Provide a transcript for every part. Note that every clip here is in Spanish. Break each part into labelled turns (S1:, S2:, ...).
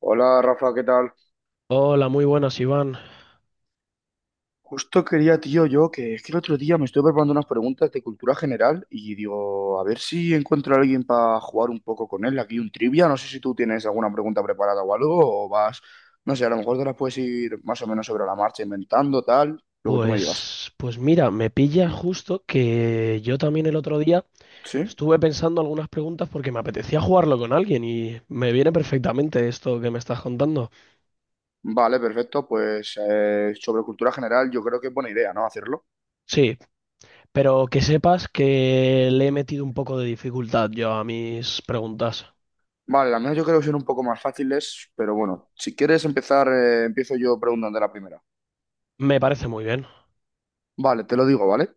S1: Hola Rafa, ¿qué tal?
S2: Hola, muy buenas, Iván.
S1: Justo quería, tío, yo que es que el otro día me estuve preparando unas preguntas de cultura general y digo, a ver si encuentro a alguien para jugar un poco con él. Aquí un trivia, no sé si tú tienes alguna pregunta preparada o algo, o vas, no sé, a lo mejor te las puedes ir más o menos sobre la marcha inventando, tal, lo que tú me digas.
S2: Pues mira, me pilla justo que yo también el otro día
S1: ¿Sí?
S2: estuve pensando algunas preguntas porque me apetecía jugarlo con alguien y me viene perfectamente esto que me estás contando.
S1: Vale, perfecto, pues sobre cultura general yo creo que es buena idea, ¿no? Hacerlo.
S2: Sí, pero que sepas que le he metido un poco de dificultad yo a mis preguntas.
S1: Vale, las mías yo creo que son un poco más fáciles, pero bueno, si quieres empezar, empiezo yo preguntando la primera.
S2: Me parece muy bien.
S1: Vale, te lo digo, ¿vale?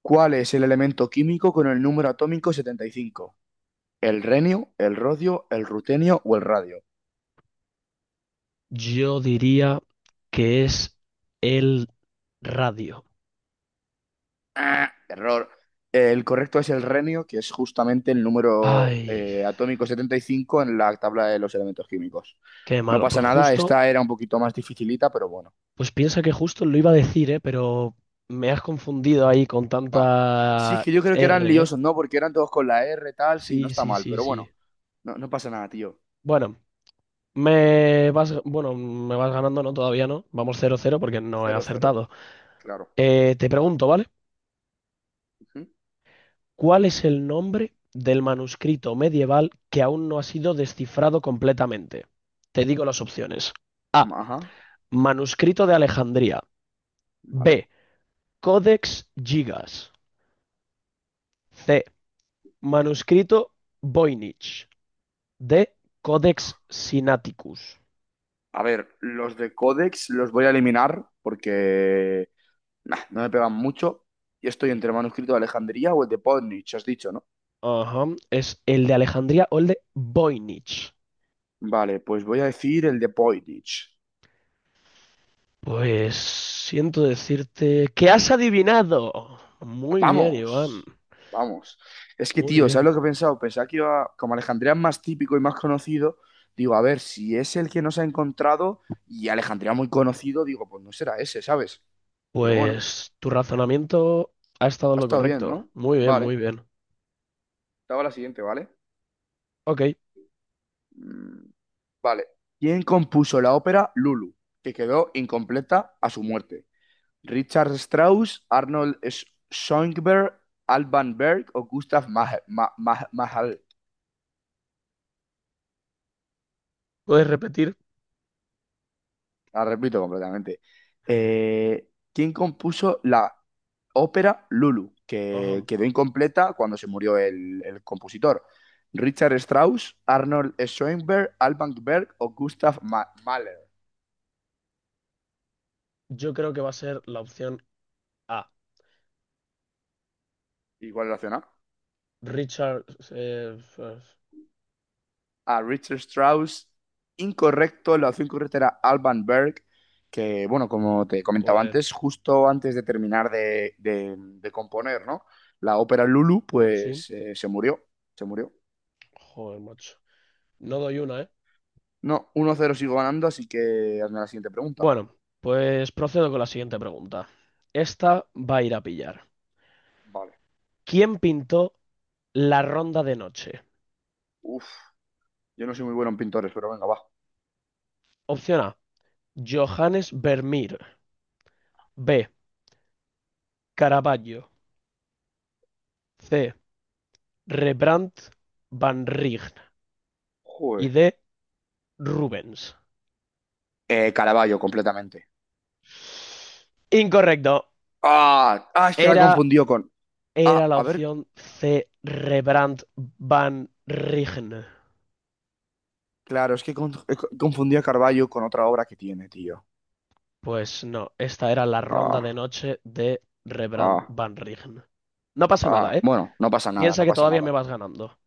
S1: ¿Cuál es el elemento químico con el número atómico 75? ¿El renio, el rodio, el rutenio o el radio?
S2: Yo diría que es el radio.
S1: ¡Ah! Error. El correcto es el renio, que es justamente el número
S2: Ay,
S1: atómico 75 en la tabla de los elementos químicos.
S2: qué
S1: No
S2: malo.
S1: pasa
S2: Pues
S1: nada,
S2: justo.
S1: esta era un poquito más dificilita, pero bueno,
S2: Pues piensa que justo lo iba a decir, ¿eh? Pero me has confundido ahí con
S1: va. Sí, es
S2: tanta
S1: que yo creo que eran
S2: R, ¿eh?
S1: liosos, ¿no? Porque eran todos con la R, tal, sí, no
S2: Sí,
S1: está
S2: sí,
S1: mal,
S2: sí,
S1: pero
S2: sí.
S1: bueno, no, no pasa nada, tío.
S2: Bueno, me vas ganando, ¿no? Todavía no. Vamos 0-0 porque no he
S1: Cero, cero,
S2: acertado.
S1: claro.
S2: Te pregunto, ¿vale?
S1: Ujú.
S2: ¿Cuál es el nombre del manuscrito medieval que aún no ha sido descifrado completamente? Te digo las opciones. A.
S1: Ajá,
S2: Manuscrito de Alejandría.
S1: vale.
S2: B. Codex Gigas. C. Manuscrito Voynich. De Codex Sinaiticus.
S1: A ver, los de Codex los voy a eliminar porque nah, no me pegan mucho. Y estoy entre el manuscrito de Alejandría o el de Podnich, has dicho, ¿no?
S2: Ajá, es el de Alejandría o el de Voynich.
S1: Vale, pues voy a decir el de Podnich.
S2: Pues siento decirte que has adivinado. Muy bien, Iván.
S1: ¡Vamos! Vamos. Es que,
S2: Muy
S1: tío, ¿sabes
S2: bien.
S1: lo que he pensado? Pensaba que iba, como Alejandría es más típico y más conocido, digo, a ver, si es el que nos ha encontrado y Alejandría muy conocido, digo, pues no será ese, ¿sabes? Pero bueno,
S2: Pues tu razonamiento ha estado en
S1: ha
S2: lo
S1: estado bien,
S2: correcto.
S1: ¿no?
S2: Muy bien,
S1: Vale,
S2: muy bien.
S1: estaba la siguiente, ¿vale?
S2: Ok,
S1: Mm, Vale. ¿Quién compuso la ópera Lulu, que quedó incompleta a su muerte? ¿Richard Strauss, Arnold Schoenberg, Alban Berg o Gustav Mahler? Mahler?
S2: ¿puedes repetir?
S1: La repito completamente. ¿Quién compuso la ópera Lulu, que
S2: Ajá.
S1: quedó incompleta cuando se murió el compositor? ¿Richard Strauss, Arnold Schoenberg, Alban Berg o Gustav Mahler?
S2: Yo creo que va a ser la opción A.
S1: ¿Y cuál es la opción A?
S2: Richard... eh, eh,
S1: A Richard Strauss. Incorrecto, la opción correcta era Alban Berg, que, bueno, como te comentaba
S2: joder.
S1: antes, justo antes de terminar de componer, ¿no? La ópera Lulu,
S2: Sí.
S1: pues se murió, se murió.
S2: Joder, macho. No doy una, ¿eh?
S1: No, uno cero sigo ganando, así que hazme la siguiente pregunta.
S2: Bueno, pues procedo con la siguiente pregunta. Esta va a ir a pillar.
S1: Vale.
S2: ¿Quién pintó la Ronda de Noche?
S1: Uf, yo no soy muy bueno en pintores, pero venga, va.
S2: Opción A, Johannes Vermeer. B, Caravaggio. C, Rembrandt Van Rijn. Y
S1: Joder.
S2: D, Rubens.
S1: Caravaggio, completamente.
S2: Incorrecto.
S1: Ah, ah, es que la he
S2: Era,
S1: confundido con...
S2: era
S1: Ah,
S2: la
S1: a ver,
S2: opción C, Rembrandt Van Rijn.
S1: claro, es que confundí a Caravaggio con otra obra que tiene, tío.
S2: Pues no, esta era la Ronda de
S1: Ah,
S2: Noche de Rembrandt
S1: ah.
S2: Van Rijn. No pasa nada,
S1: Ah,
S2: ¿eh?
S1: bueno, no pasa nada,
S2: Piensa
S1: no
S2: que
S1: pasa
S2: todavía me
S1: nada.
S2: vas ganando.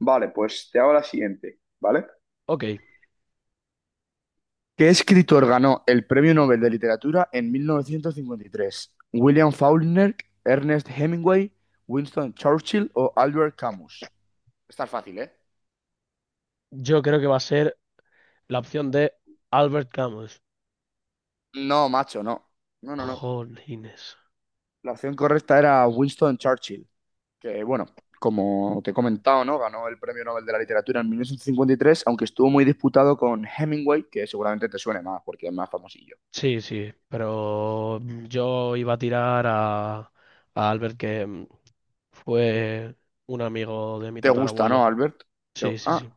S1: Vale, pues te hago la siguiente, ¿vale?
S2: Ok,
S1: ¿Qué escritor ganó el Premio Nobel de Literatura en 1953? ¿William Faulkner, Ernest Hemingway, Winston Churchill o Albert Camus? Está fácil, ¿eh?
S2: yo creo que va a ser la opción de Albert Camus.
S1: No, macho, no. No, no, no.
S2: Jolines.
S1: La opción correcta era Winston Churchill, que bueno, como te he comentado, ¿no? Ganó el Premio Nobel de la Literatura en 1953, aunque estuvo muy disputado con Hemingway, que seguramente te suene más porque es más famoso.
S2: Sí, sí, pero yo iba a tirar a Albert, que fue un amigo de mi
S1: Te gusta, ¿no,
S2: tatarabuelo.
S1: Albert?
S2: Sí, sí,
S1: Ah,
S2: sí.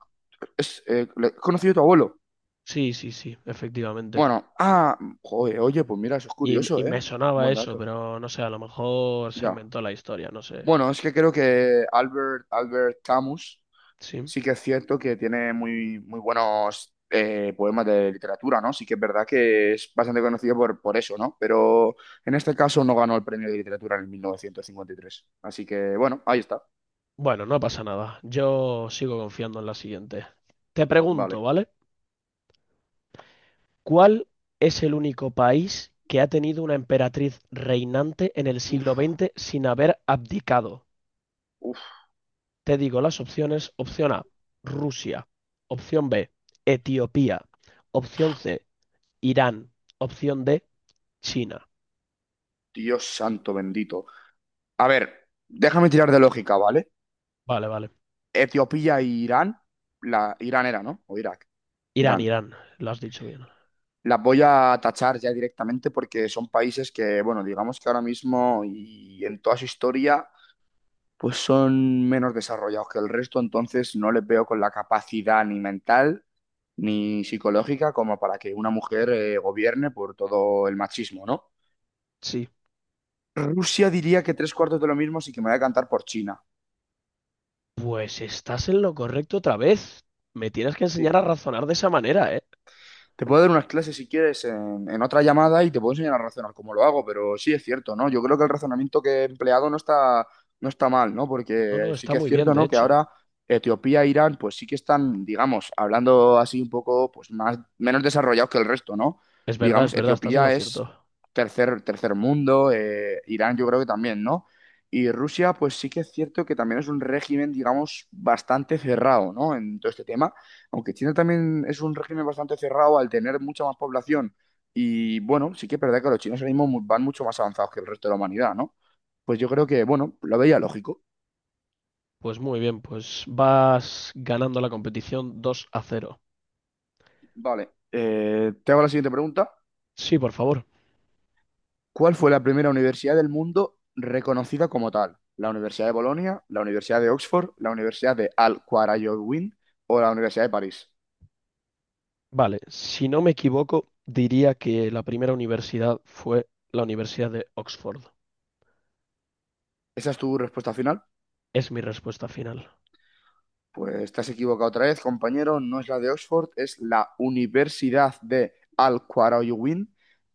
S1: he conocido a tu abuelo.
S2: Sí, sí, sí, efectivamente.
S1: Bueno, ah, joder, oye, pues mira, eso es
S2: Y
S1: curioso, ¿eh?
S2: me sonaba
S1: Buen
S2: eso,
S1: dato.
S2: pero no sé, a lo mejor se
S1: Ya.
S2: inventó la historia, no sé.
S1: Bueno, es que creo que Albert Camus
S2: Sí.
S1: sí que es cierto que tiene muy buenos poemas de literatura, ¿no? Sí que es verdad que es bastante conocido por eso, ¿no? Pero en este caso no ganó el premio de literatura en el 1953. Así que, bueno, ahí está.
S2: Bueno, no pasa nada. Yo sigo confiando en la siguiente. Te pregunto,
S1: Vale.
S2: ¿vale? ¿Cuál es el único país que ha tenido una emperatriz reinante en el
S1: Uf,
S2: siglo XX sin haber abdicado?
S1: uf,
S2: Te digo las opciones. Opción A, Rusia. Opción B, Etiopía. Opción C, Irán. Opción D, China.
S1: Dios santo bendito. A ver, déjame tirar de lógica, ¿vale?
S2: Vale, vale.
S1: Etiopía e Irán, Irán era, ¿no? O Irak,
S2: Irán,
S1: Irán.
S2: Irán. Lo has dicho bien.
S1: Las voy a tachar ya directamente porque son países que, bueno, digamos que ahora mismo y en toda su historia, pues son menos desarrollados que el resto, entonces no les veo con la capacidad ni mental ni psicológica como para que una mujer gobierne por todo el machismo, ¿no?
S2: Sí.
S1: Rusia diría que tres cuartos de lo mismo, sí que me voy a cantar por China.
S2: Pues estás en lo correcto otra vez. Me tienes que enseñar a
S1: Sí.
S2: razonar de esa manera, ¿eh?
S1: Te puedo dar unas clases si quieres en otra llamada y te puedo enseñar a razonar cómo lo hago, pero sí es cierto, ¿no? Yo creo que el razonamiento que he empleado no está mal, ¿no?
S2: No,
S1: Porque
S2: no,
S1: sí
S2: está
S1: que es
S2: muy bien,
S1: cierto,
S2: de
S1: ¿no? Que
S2: hecho.
S1: ahora Etiopía e Irán, pues sí que están, digamos, hablando así un poco, pues más, menos desarrollados que el resto, ¿no?
S2: Es
S1: Digamos,
S2: verdad, estás en lo
S1: Etiopía es
S2: cierto.
S1: tercer mundo, Irán yo creo que también, ¿no? Y Rusia, pues sí que es cierto que también es un régimen, digamos, bastante cerrado, ¿no? En todo este tema. Aunque China también es un régimen bastante cerrado al tener mucha más población. Y bueno, sí que es verdad que los chinos ahora mismo van mucho más avanzados que el resto de la humanidad, ¿no? Pues yo creo que, bueno, lo veía lógico.
S2: Pues muy bien, pues vas ganando la competición 2-0.
S1: Vale, te hago la siguiente pregunta.
S2: Sí, por favor.
S1: ¿Cuál fue la primera universidad del mundo reconocida como tal? ¿La Universidad de Bolonia, la Universidad de Oxford, la Universidad de Al-Qarawiyyin o la Universidad de París?
S2: Vale, si no me equivoco, diría que la primera universidad fue la Universidad de Oxford.
S1: ¿Esa es tu respuesta final?
S2: Es mi respuesta final.
S1: Pues estás equivocado otra vez, compañero. No es la de Oxford, es la Universidad de Al-Qarawiyyin,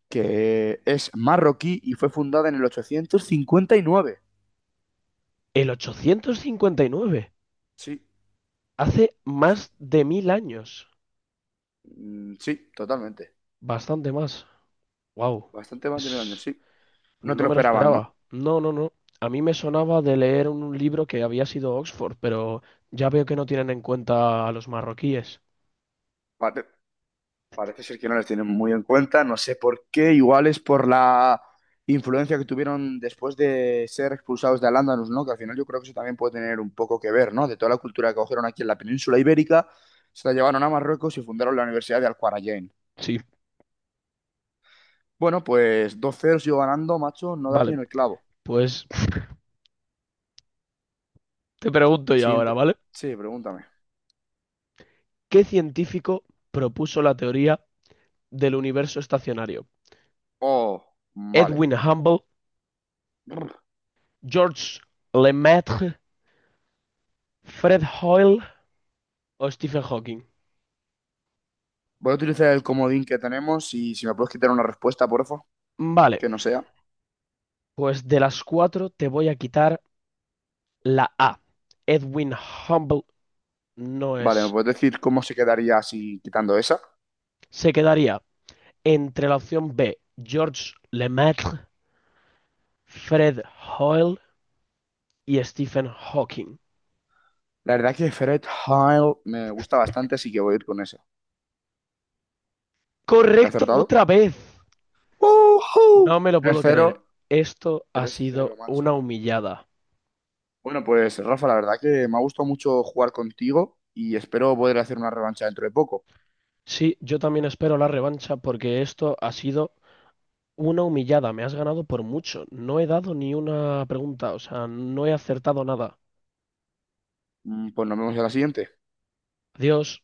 S1: que es marroquí y fue fundada en el 859.
S2: El 859,
S1: Sí,
S2: hace
S1: sí, sí.
S2: más de mil años.
S1: Mm, sí, totalmente.
S2: Bastante más. Wow,
S1: Bastante más de mil años,
S2: es...
S1: sí. No te
S2: no
S1: lo
S2: me lo
S1: esperaban,
S2: esperaba.
S1: ¿no?
S2: No, no, no. A mí me sonaba de leer un libro que había sido Oxford, pero ya veo que no tienen en cuenta a los marroquíes.
S1: Vale. Parece ser que no les tienen muy en cuenta, no sé por qué, igual es por la influencia que tuvieron después de ser expulsados de al, ¿no? Que al final yo creo que eso también puede tener un poco que ver, ¿no? De toda la cultura que cogieron aquí en la península ibérica, se la llevaron a Marruecos y fundaron la Universidad de Al-Qarajain.
S2: Sí,
S1: Bueno, pues 2-0 sigo ganando, macho, no da aquí
S2: vale,
S1: en el clavo.
S2: pues Te pregunto yo ahora,
S1: Siguiente.
S2: ¿vale?
S1: Sí, pregúntame.
S2: ¿Qué científico propuso la teoría del universo estacionario?
S1: Oh, vale.
S2: ¿Edwin Hubble,
S1: Brr.
S2: Georges Lemaitre, Fred Hoyle o Stephen Hawking?
S1: Voy a utilizar el comodín que tenemos y si me puedes quitar una respuesta, porfa,
S2: Vale,
S1: que no sea.
S2: pues de las cuatro te voy a quitar la A. Edwin Hubble no
S1: Vale, ¿me
S2: es.
S1: puedes decir cómo se quedaría si quitando esa?
S2: Se quedaría entre la opción B, Georges Lemaitre, Fred Hoyle y Stephen Hawking.
S1: La verdad que Fred Heil me gusta bastante, así que voy a ir con ese. ¿He
S2: Correcto,
S1: acertado?
S2: otra vez. No
S1: ¡Ujú!
S2: me lo puedo creer.
S1: 3-0,
S2: Esto ha
S1: 3-0,
S2: sido una
S1: macho.
S2: humillada.
S1: Bueno, pues Rafa, la verdad que me ha gustado mucho jugar contigo y espero poder hacer una revancha dentro de poco.
S2: Sí, yo también espero la revancha porque esto ha sido una humillada. Me has ganado por mucho. No he dado ni una pregunta, o sea, no he acertado nada.
S1: Mm, pues nos vemos en la siguiente.
S2: Adiós.